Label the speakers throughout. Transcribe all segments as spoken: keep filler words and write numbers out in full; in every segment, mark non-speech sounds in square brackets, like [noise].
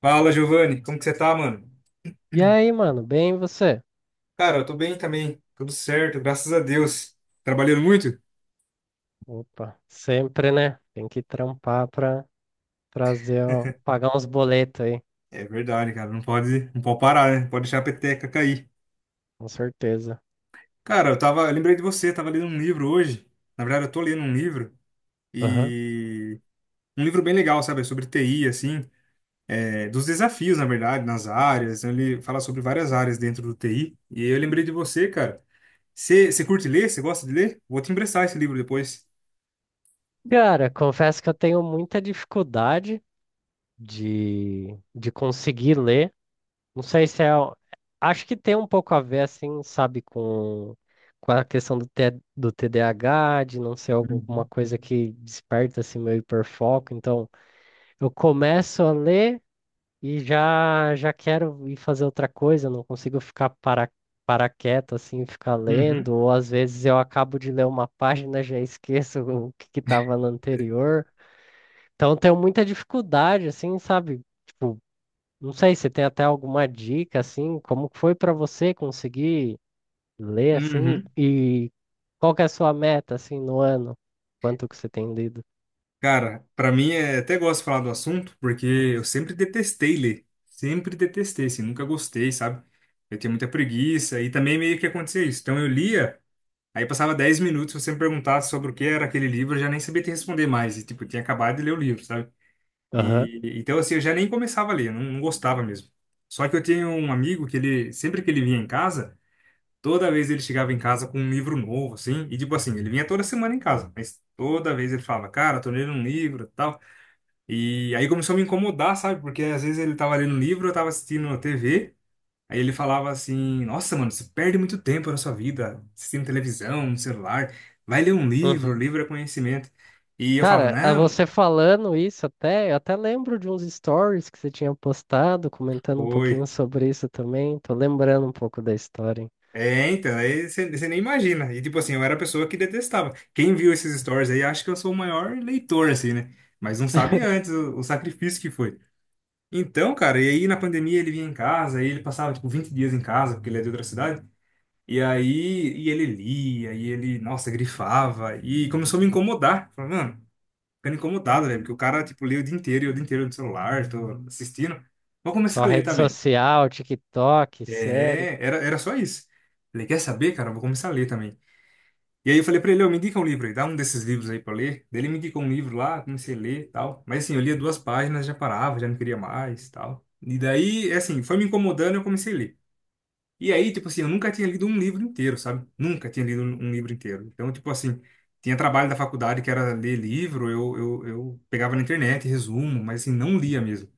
Speaker 1: Fala, Giovanni, como que você tá, mano?
Speaker 2: E aí, mano, bem você?
Speaker 1: Cara, eu tô bem também, tudo certo, graças a Deus. Trabalhando muito?
Speaker 2: Opa, sempre, né? Tem que trampar pra trazer, ó, pagar uns boletos aí,
Speaker 1: É verdade, cara, não pode, não pode parar, né? Não pode deixar a peteca cair.
Speaker 2: com certeza.
Speaker 1: Cara, eu tava, eu lembrei de você, tava lendo um livro hoje. Na verdade, eu tô lendo um livro
Speaker 2: Aham.
Speaker 1: e um livro bem legal, sabe? Sobre T I, assim, é, dos desafios, na verdade, nas áreas. Então, ele fala sobre várias áreas dentro do T I. E eu lembrei de você, cara. Você você curte ler? Você gosta de ler? Vou te emprestar esse livro depois. Uhum.
Speaker 2: Cara, confesso que eu tenho muita dificuldade de, de conseguir ler. Não sei se é. O- Acho que tem um pouco a ver, assim, sabe, com, com a questão do, T, do T D A H, de não ser alguma coisa que desperta, assim, meu hiperfoco. Então, eu começo a ler. E já já quero ir fazer outra coisa, não consigo ficar para, para quieto assim, ficar
Speaker 1: Uhum.
Speaker 2: lendo, ou às vezes eu acabo de ler uma página, [laughs] já esqueço o que que estava no anterior. Então tenho muita dificuldade assim, sabe? Tipo, não sei se tem até alguma dica assim, como que foi para você conseguir ler assim
Speaker 1: Uhum.
Speaker 2: e, e qual que é a sua meta assim no ano? Quanto que você tem lido?
Speaker 1: Cara, pra mim é até gosto de falar do assunto, porque eu sempre detestei ler. Sempre detestei, assim, nunca gostei, sabe? Eu tinha muita preguiça e também meio que acontecia isso. Então eu lia, aí passava dez minutos, se você me perguntasse sobre o que era aquele livro, eu já nem sabia te responder mais. E tipo, eu tinha acabado de ler o livro, sabe?
Speaker 2: Aham.
Speaker 1: E então assim, eu já nem começava a ler, não, não gostava mesmo. Só que eu tinha um amigo que ele sempre que ele vinha em casa, toda vez ele chegava em casa com um livro novo, assim, e tipo assim, ele vinha toda semana em casa, mas toda vez ele falava, cara, tô lendo um livro, e tal. E aí começou a me incomodar, sabe? Porque às vezes ele tava lendo um livro, eu tava assistindo na T V, aí ele falava assim: "Nossa, mano, você perde muito tempo na sua vida assistindo televisão, no celular. Vai ler um livro, livro é conhecimento". E eu falava:
Speaker 2: Cara, a
Speaker 1: "Não, não
Speaker 2: você falando isso até, eu até lembro de uns stories que você tinha postado, comentando um pouquinho
Speaker 1: foi".
Speaker 2: sobre isso também. Tô lembrando um pouco da história. Hein?
Speaker 1: É, então, aí você você nem imagina. E tipo assim, eu era a pessoa que detestava. Quem viu esses stories aí acha que eu sou o maior leitor, assim, né? Mas não sabe antes o, o sacrifício que foi. Então, cara, e aí na pandemia ele vinha em casa, aí ele passava tipo vinte dias em casa, porque ele é de outra cidade. E aí e ele lia, e ele, nossa, grifava, e começou a me incomodar. Falei, mano, ficando incomodado, né? Porque o cara, tipo, lê o dia inteiro, e o dia inteiro no celular, tô assistindo. Vou começar
Speaker 2: Só
Speaker 1: a ler
Speaker 2: rede
Speaker 1: também.
Speaker 2: social, TikTok, sério.
Speaker 1: É, era, era só isso. Falei, quer saber, cara? Eu vou começar a ler também. E aí eu falei pra ele, eu me indica um livro aí, dá um desses livros aí pra eu ler. Daí ele me indicou um livro lá, comecei a ler e tal. Mas assim, eu lia duas páginas, já parava, já não queria mais e tal. E daí, é assim, foi me incomodando, eu comecei a ler. E aí, tipo assim, eu nunca tinha lido um livro inteiro, sabe? Nunca tinha lido um um livro inteiro. Então, tipo assim, tinha trabalho da faculdade que era ler livro, eu, eu, eu pegava na internet, resumo, mas assim, não lia mesmo.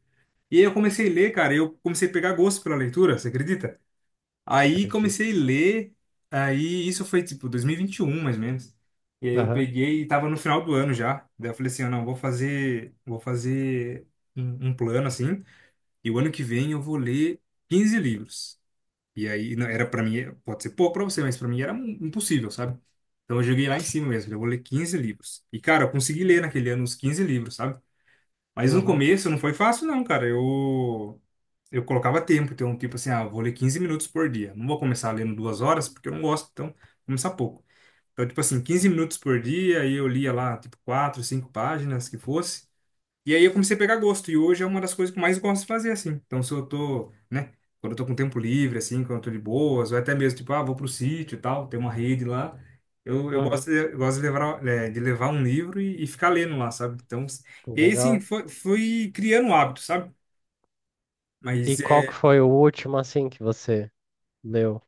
Speaker 1: E aí eu comecei a ler, cara, e eu comecei a pegar gosto pela leitura, você acredita? Aí comecei
Speaker 2: Acredito.
Speaker 1: a ler, aí isso foi tipo dois mil e vinte e um, mais ou menos. E aí eu
Speaker 2: Aham,
Speaker 1: peguei e tava no final do ano já. Daí eu falei assim, ah, não, vou fazer, vou fazer um, um plano assim, e o ano que vem eu vou ler quinze livros. E aí não, era para mim, pode ser pouco para você, mas para mim era im- impossível, sabe? Então eu joguei lá em cima mesmo, eu vou ler quinze livros. E cara, eu consegui ler naquele ano os quinze livros, sabe? Mas no
Speaker 2: uhum,
Speaker 1: começo não foi fácil não, cara. Eu eu colocava tempo, então, tipo assim, ah, eu vou ler quinze minutos por dia. Não vou começar lendo duas horas, porque eu não gosto, então, vou começar pouco. Então, tipo assim, quinze minutos por dia, aí eu lia lá, tipo, quatro, cinco páginas, que fosse. E aí eu comecei a pegar gosto, e hoje é uma das coisas que eu mais gosto de fazer, assim. Então, se eu tô, né, quando eu tô com tempo livre, assim, quando eu tô de boas, ou até mesmo, tipo, ah, vou pro sítio e tal, tem uma rede lá. Eu, eu
Speaker 2: uhum.
Speaker 1: gosto de, eu gosto de levar, eh, de levar um livro e, e ficar lendo lá, sabe? Então, e aí, assim,
Speaker 2: Legal.
Speaker 1: foi, fui criando um hábito, sabe?
Speaker 2: E
Speaker 1: Mas
Speaker 2: qual que
Speaker 1: é.
Speaker 2: foi o último, assim, que você leu?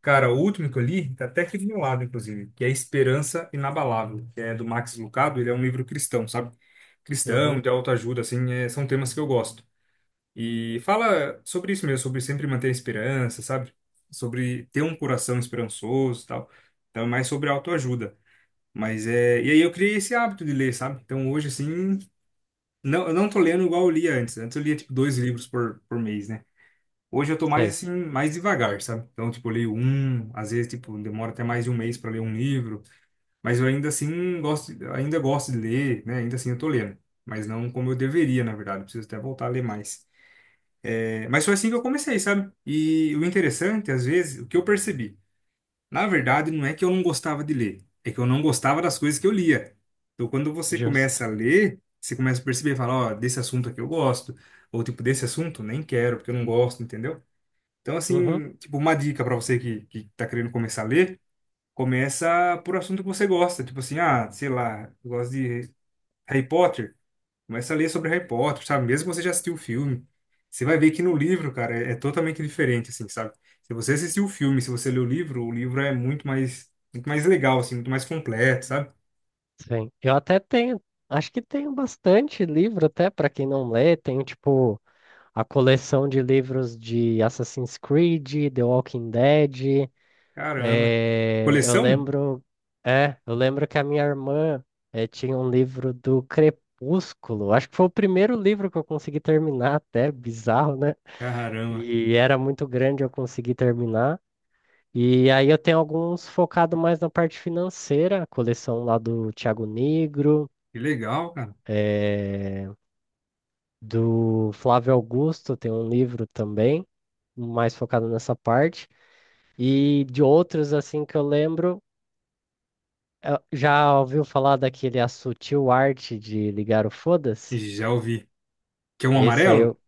Speaker 1: Cara, o último que eu li, tá até aqui do meu lado, inclusive, que é Esperança Inabalável, que é do Max Lucado, ele é um livro cristão, sabe? Cristão,
Speaker 2: Uhum,
Speaker 1: de autoajuda, assim, é- são temas que eu gosto. E fala sobre isso mesmo, sobre sempre manter a esperança, sabe? Sobre ter um coração esperançoso e tal. Então, é mais sobre autoajuda. Mas é. E aí eu criei esse hábito de ler, sabe? Então, hoje, assim, não, eu não tô lendo igual eu lia antes. Antes eu lia, tipo, dois livros por, por mês, né? Hoje eu tô mais
Speaker 2: sei.
Speaker 1: assim, mais devagar, sabe? Então, tipo, eu leio um, às vezes, tipo, demora até mais de um mês para ler um livro, mas eu ainda assim gosto, ainda gosto de ler, né? Ainda assim eu tô lendo, mas não como eu deveria, na verdade. Eu preciso até voltar a ler mais. É, mas foi assim que eu comecei, sabe? E o interessante, às vezes, o que eu percebi, na verdade, não é que eu não gostava de ler, é que eu não gostava das coisas que eu lia. Então, quando você começa
Speaker 2: Justo.
Speaker 1: a ler, você começa a perceber, fala, ó, desse assunto aqui eu gosto, ou tipo, desse assunto nem quero, porque eu não gosto, entendeu? Então,
Speaker 2: Uhum,
Speaker 1: assim, tipo, uma dica para você que, que tá querendo começar a ler, começa por assunto que você gosta. Tipo assim, ah, sei lá, eu gosto de Harry Potter. Começa a ler sobre Harry Potter, sabe? Mesmo que você já assistiu o filme, você vai ver que no livro, cara, é, é totalmente diferente, assim, sabe? Se você assistiu o filme, se você leu o livro, o livro é muito mais, muito mais legal, assim, muito mais completo, sabe?
Speaker 2: sim. Eu até tenho, acho que tenho bastante livro até para quem não lê. Tenho, tipo, a coleção de livros de Assassin's Creed, The Walking Dead.
Speaker 1: Caramba.
Speaker 2: Eh, eu
Speaker 1: Coleção?
Speaker 2: lembro, é, eu lembro que a minha irmã eh, tinha um livro do Crepúsculo. Acho que foi o primeiro livro que eu consegui terminar, até bizarro, né?
Speaker 1: Caramba.
Speaker 2: E era muito grande, eu consegui terminar. E aí eu tenho alguns focado mais na parte financeira, a coleção lá do Thiago Negro,
Speaker 1: Que legal, cara.
Speaker 2: é, do Flávio Augusto, tem um livro também mais focado nessa parte. E de outros, assim, que eu lembro, eh, já ouviu falar daquele A Sutil Arte de Ligar o Foda-se?
Speaker 1: Já ouvi. Que é um
Speaker 2: Esse aí
Speaker 1: amarelo?
Speaker 2: eu-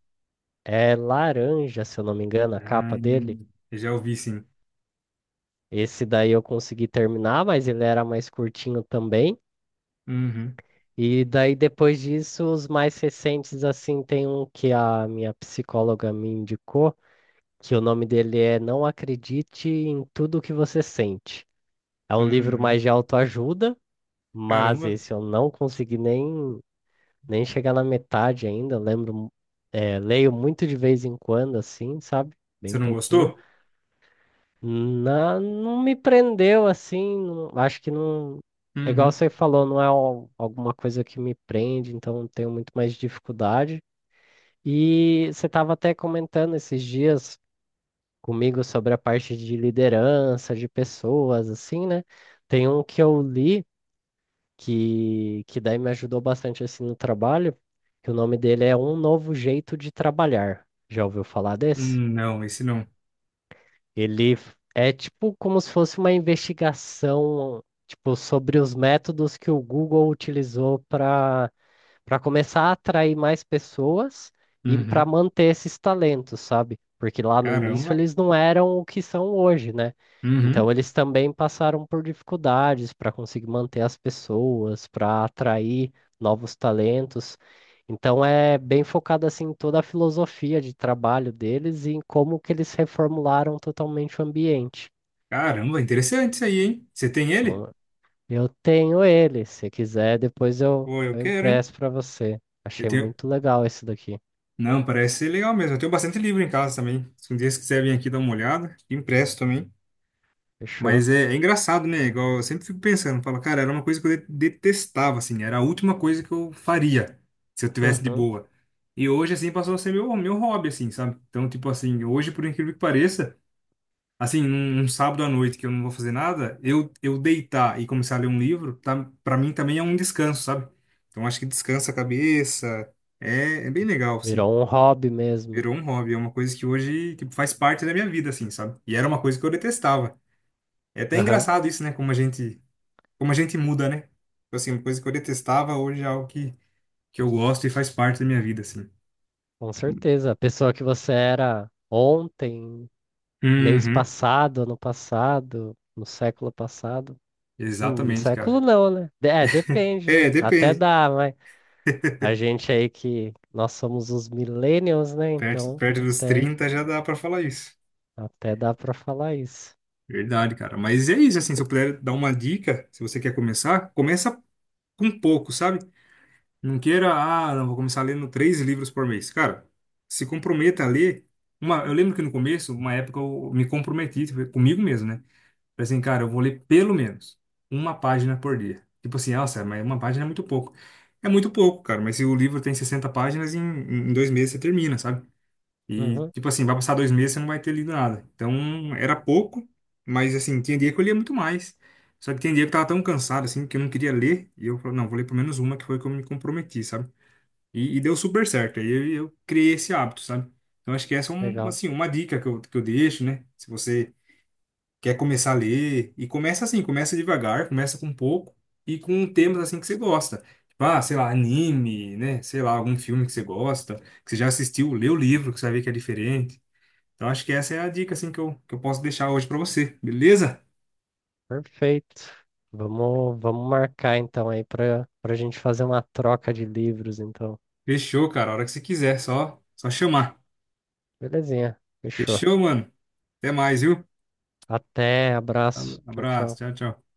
Speaker 2: É laranja, se eu não me engano, a
Speaker 1: Ah,
Speaker 2: capa dele.
Speaker 1: já ouvi, sim.
Speaker 2: Esse daí eu consegui terminar, mas ele era mais curtinho também.
Speaker 1: Uhum,
Speaker 2: E daí depois disso, os mais recentes, assim, tem um que a minha psicóloga me indicou, que o nome dele é Não Acredite em Tudo que Você Sente. É um livro mais
Speaker 1: uhum.
Speaker 2: de autoajuda. Mas
Speaker 1: Caramba,
Speaker 2: esse eu não consegui nem nem chegar na metade ainda, eu lembro, é, leio muito de vez em quando, assim, sabe?
Speaker 1: você
Speaker 2: Bem
Speaker 1: não
Speaker 2: pouquinho.
Speaker 1: gostou?
Speaker 2: Na, não me prendeu, assim, não- acho que não. É igual
Speaker 1: Uhum.
Speaker 2: você falou, não é al- alguma coisa que me prende, então tenho muito mais dificuldade. E você estava até comentando esses dias comigo sobre a parte de liderança, de pessoas, assim, né? Tem um que eu li, que, que daí me ajudou bastante assim no trabalho, que o nome dele é Um Novo Jeito de Trabalhar. Já ouviu falar desse?
Speaker 1: Hum, não, esse não.
Speaker 2: Ele f- é tipo como se fosse uma investigação, tipo, sobre os métodos que o Google utilizou para para começar a atrair mais pessoas e para
Speaker 1: Uhum.
Speaker 2: manter esses talentos, sabe? Porque lá no início
Speaker 1: Caramba.
Speaker 2: eles não eram o que são hoje, né?
Speaker 1: Uhum.
Speaker 2: Então eles também passaram por dificuldades para conseguir manter as pessoas, para atrair novos talentos. Então é bem focado assim em toda a filosofia de trabalho deles e em como que eles reformularam totalmente o ambiente.
Speaker 1: Caramba, interessante isso aí, hein? Você tem ele?
Speaker 2: Então, eu tenho ele, se quiser, depois eu,
Speaker 1: Pô, eu
Speaker 2: eu
Speaker 1: quero, hein?
Speaker 2: empresto para você.
Speaker 1: Eu
Speaker 2: Achei
Speaker 1: tenho...
Speaker 2: muito legal esse daqui.
Speaker 1: Não, parece ser legal mesmo. Eu tenho bastante livro em casa também. Se um dia você quiser vir aqui dar uma olhada, impresso também.
Speaker 2: Fechou.
Speaker 1: Mas é, é engraçado, né? Igual eu sempre fico pensando, falo, cara, era uma coisa que eu de- detestava, assim, era a última coisa que eu faria se eu tivesse de
Speaker 2: Uhum.
Speaker 1: boa. E hoje, assim, passou a ser meu, meu hobby, assim, sabe? Então, tipo assim, hoje, por incrível que pareça. Assim, num, num sábado à noite que eu não vou fazer nada, eu, eu deitar e começar a ler um livro, tá, para mim também é um descanso, sabe? Então acho que descansa a cabeça, é, é bem legal, assim.
Speaker 2: Virou um hobby mesmo.
Speaker 1: Virou um hobby, é uma coisa que hoje, tipo, faz parte da minha vida, assim, sabe? E era uma coisa que eu detestava. É até
Speaker 2: Aham.
Speaker 1: engraçado isso, né? Como a gente, como a gente muda, né? Tipo assim, uma coisa que eu detestava hoje é algo que, que eu gosto e faz parte da minha vida, assim.
Speaker 2: Com certeza. A pessoa que você era ontem, mês
Speaker 1: Uhum,
Speaker 2: passado, ano passado, no século passado. No, no
Speaker 1: exatamente,
Speaker 2: século
Speaker 1: cara.
Speaker 2: não, né? De- É, depende,
Speaker 1: É,
Speaker 2: né? Até
Speaker 1: depende.
Speaker 2: dá, mas a gente aí que nós somos os millennials, né?
Speaker 1: Perto,
Speaker 2: Então,
Speaker 1: perto dos
Speaker 2: até,
Speaker 1: trinta já dá pra falar isso.
Speaker 2: até dá pra falar isso.
Speaker 1: Verdade, cara. Mas é isso, assim, se eu puder dar uma dica, se você quer começar, começa com pouco, sabe? Não queira, ah, não, vou começar lendo três livros por mês. Cara, se comprometa a ler. Uma, eu lembro que no começo, uma época, eu me comprometi tipo, comigo mesmo, né? Falei assim, cara, eu vou ler pelo menos uma página por dia. Tipo assim, nossa, mas uma página é muito pouco. É muito pouco, cara, mas se o livro tem sessenta páginas, em, em dois meses você termina, sabe? E,
Speaker 2: Uhum.
Speaker 1: tipo assim, vai passar dois meses e você não vai ter lido nada. Então, era pouco, mas, assim, tinha dia que eu lia muito mais. Só que tinha dia que eu tava tão cansado, assim, que eu não queria ler. E eu falei, não, vou ler pelo menos uma, que foi que eu me comprometi, sabe? E, e deu super certo. Aí eu, eu criei esse hábito, sabe? Então, acho que essa é, um,
Speaker 2: Legal.
Speaker 1: assim, uma dica que eu, que eu deixo, né? Se você quer começar a ler, e começa assim, começa devagar, começa com pouco e com temas, assim, que você gosta. Tipo, ah, sei lá, anime, né? Sei lá, algum filme que você gosta, que você já assistiu, lê o livro, que você vai ver que é diferente. Então acho que essa é a dica assim que eu, que eu posso deixar hoje pra você, beleza?
Speaker 2: Perfeito. Vamos, vamos marcar então aí pra para gente fazer uma troca de livros, então.
Speaker 1: Fechou, cara. A hora que você quiser, só só chamar.
Speaker 2: Belezinha. Fechou.
Speaker 1: Fechou, mano. Até mais, viu?
Speaker 2: Até,
Speaker 1: Falou.
Speaker 2: abraço. Tchau,
Speaker 1: Abraço.
Speaker 2: tchau.
Speaker 1: Tchau, tchau.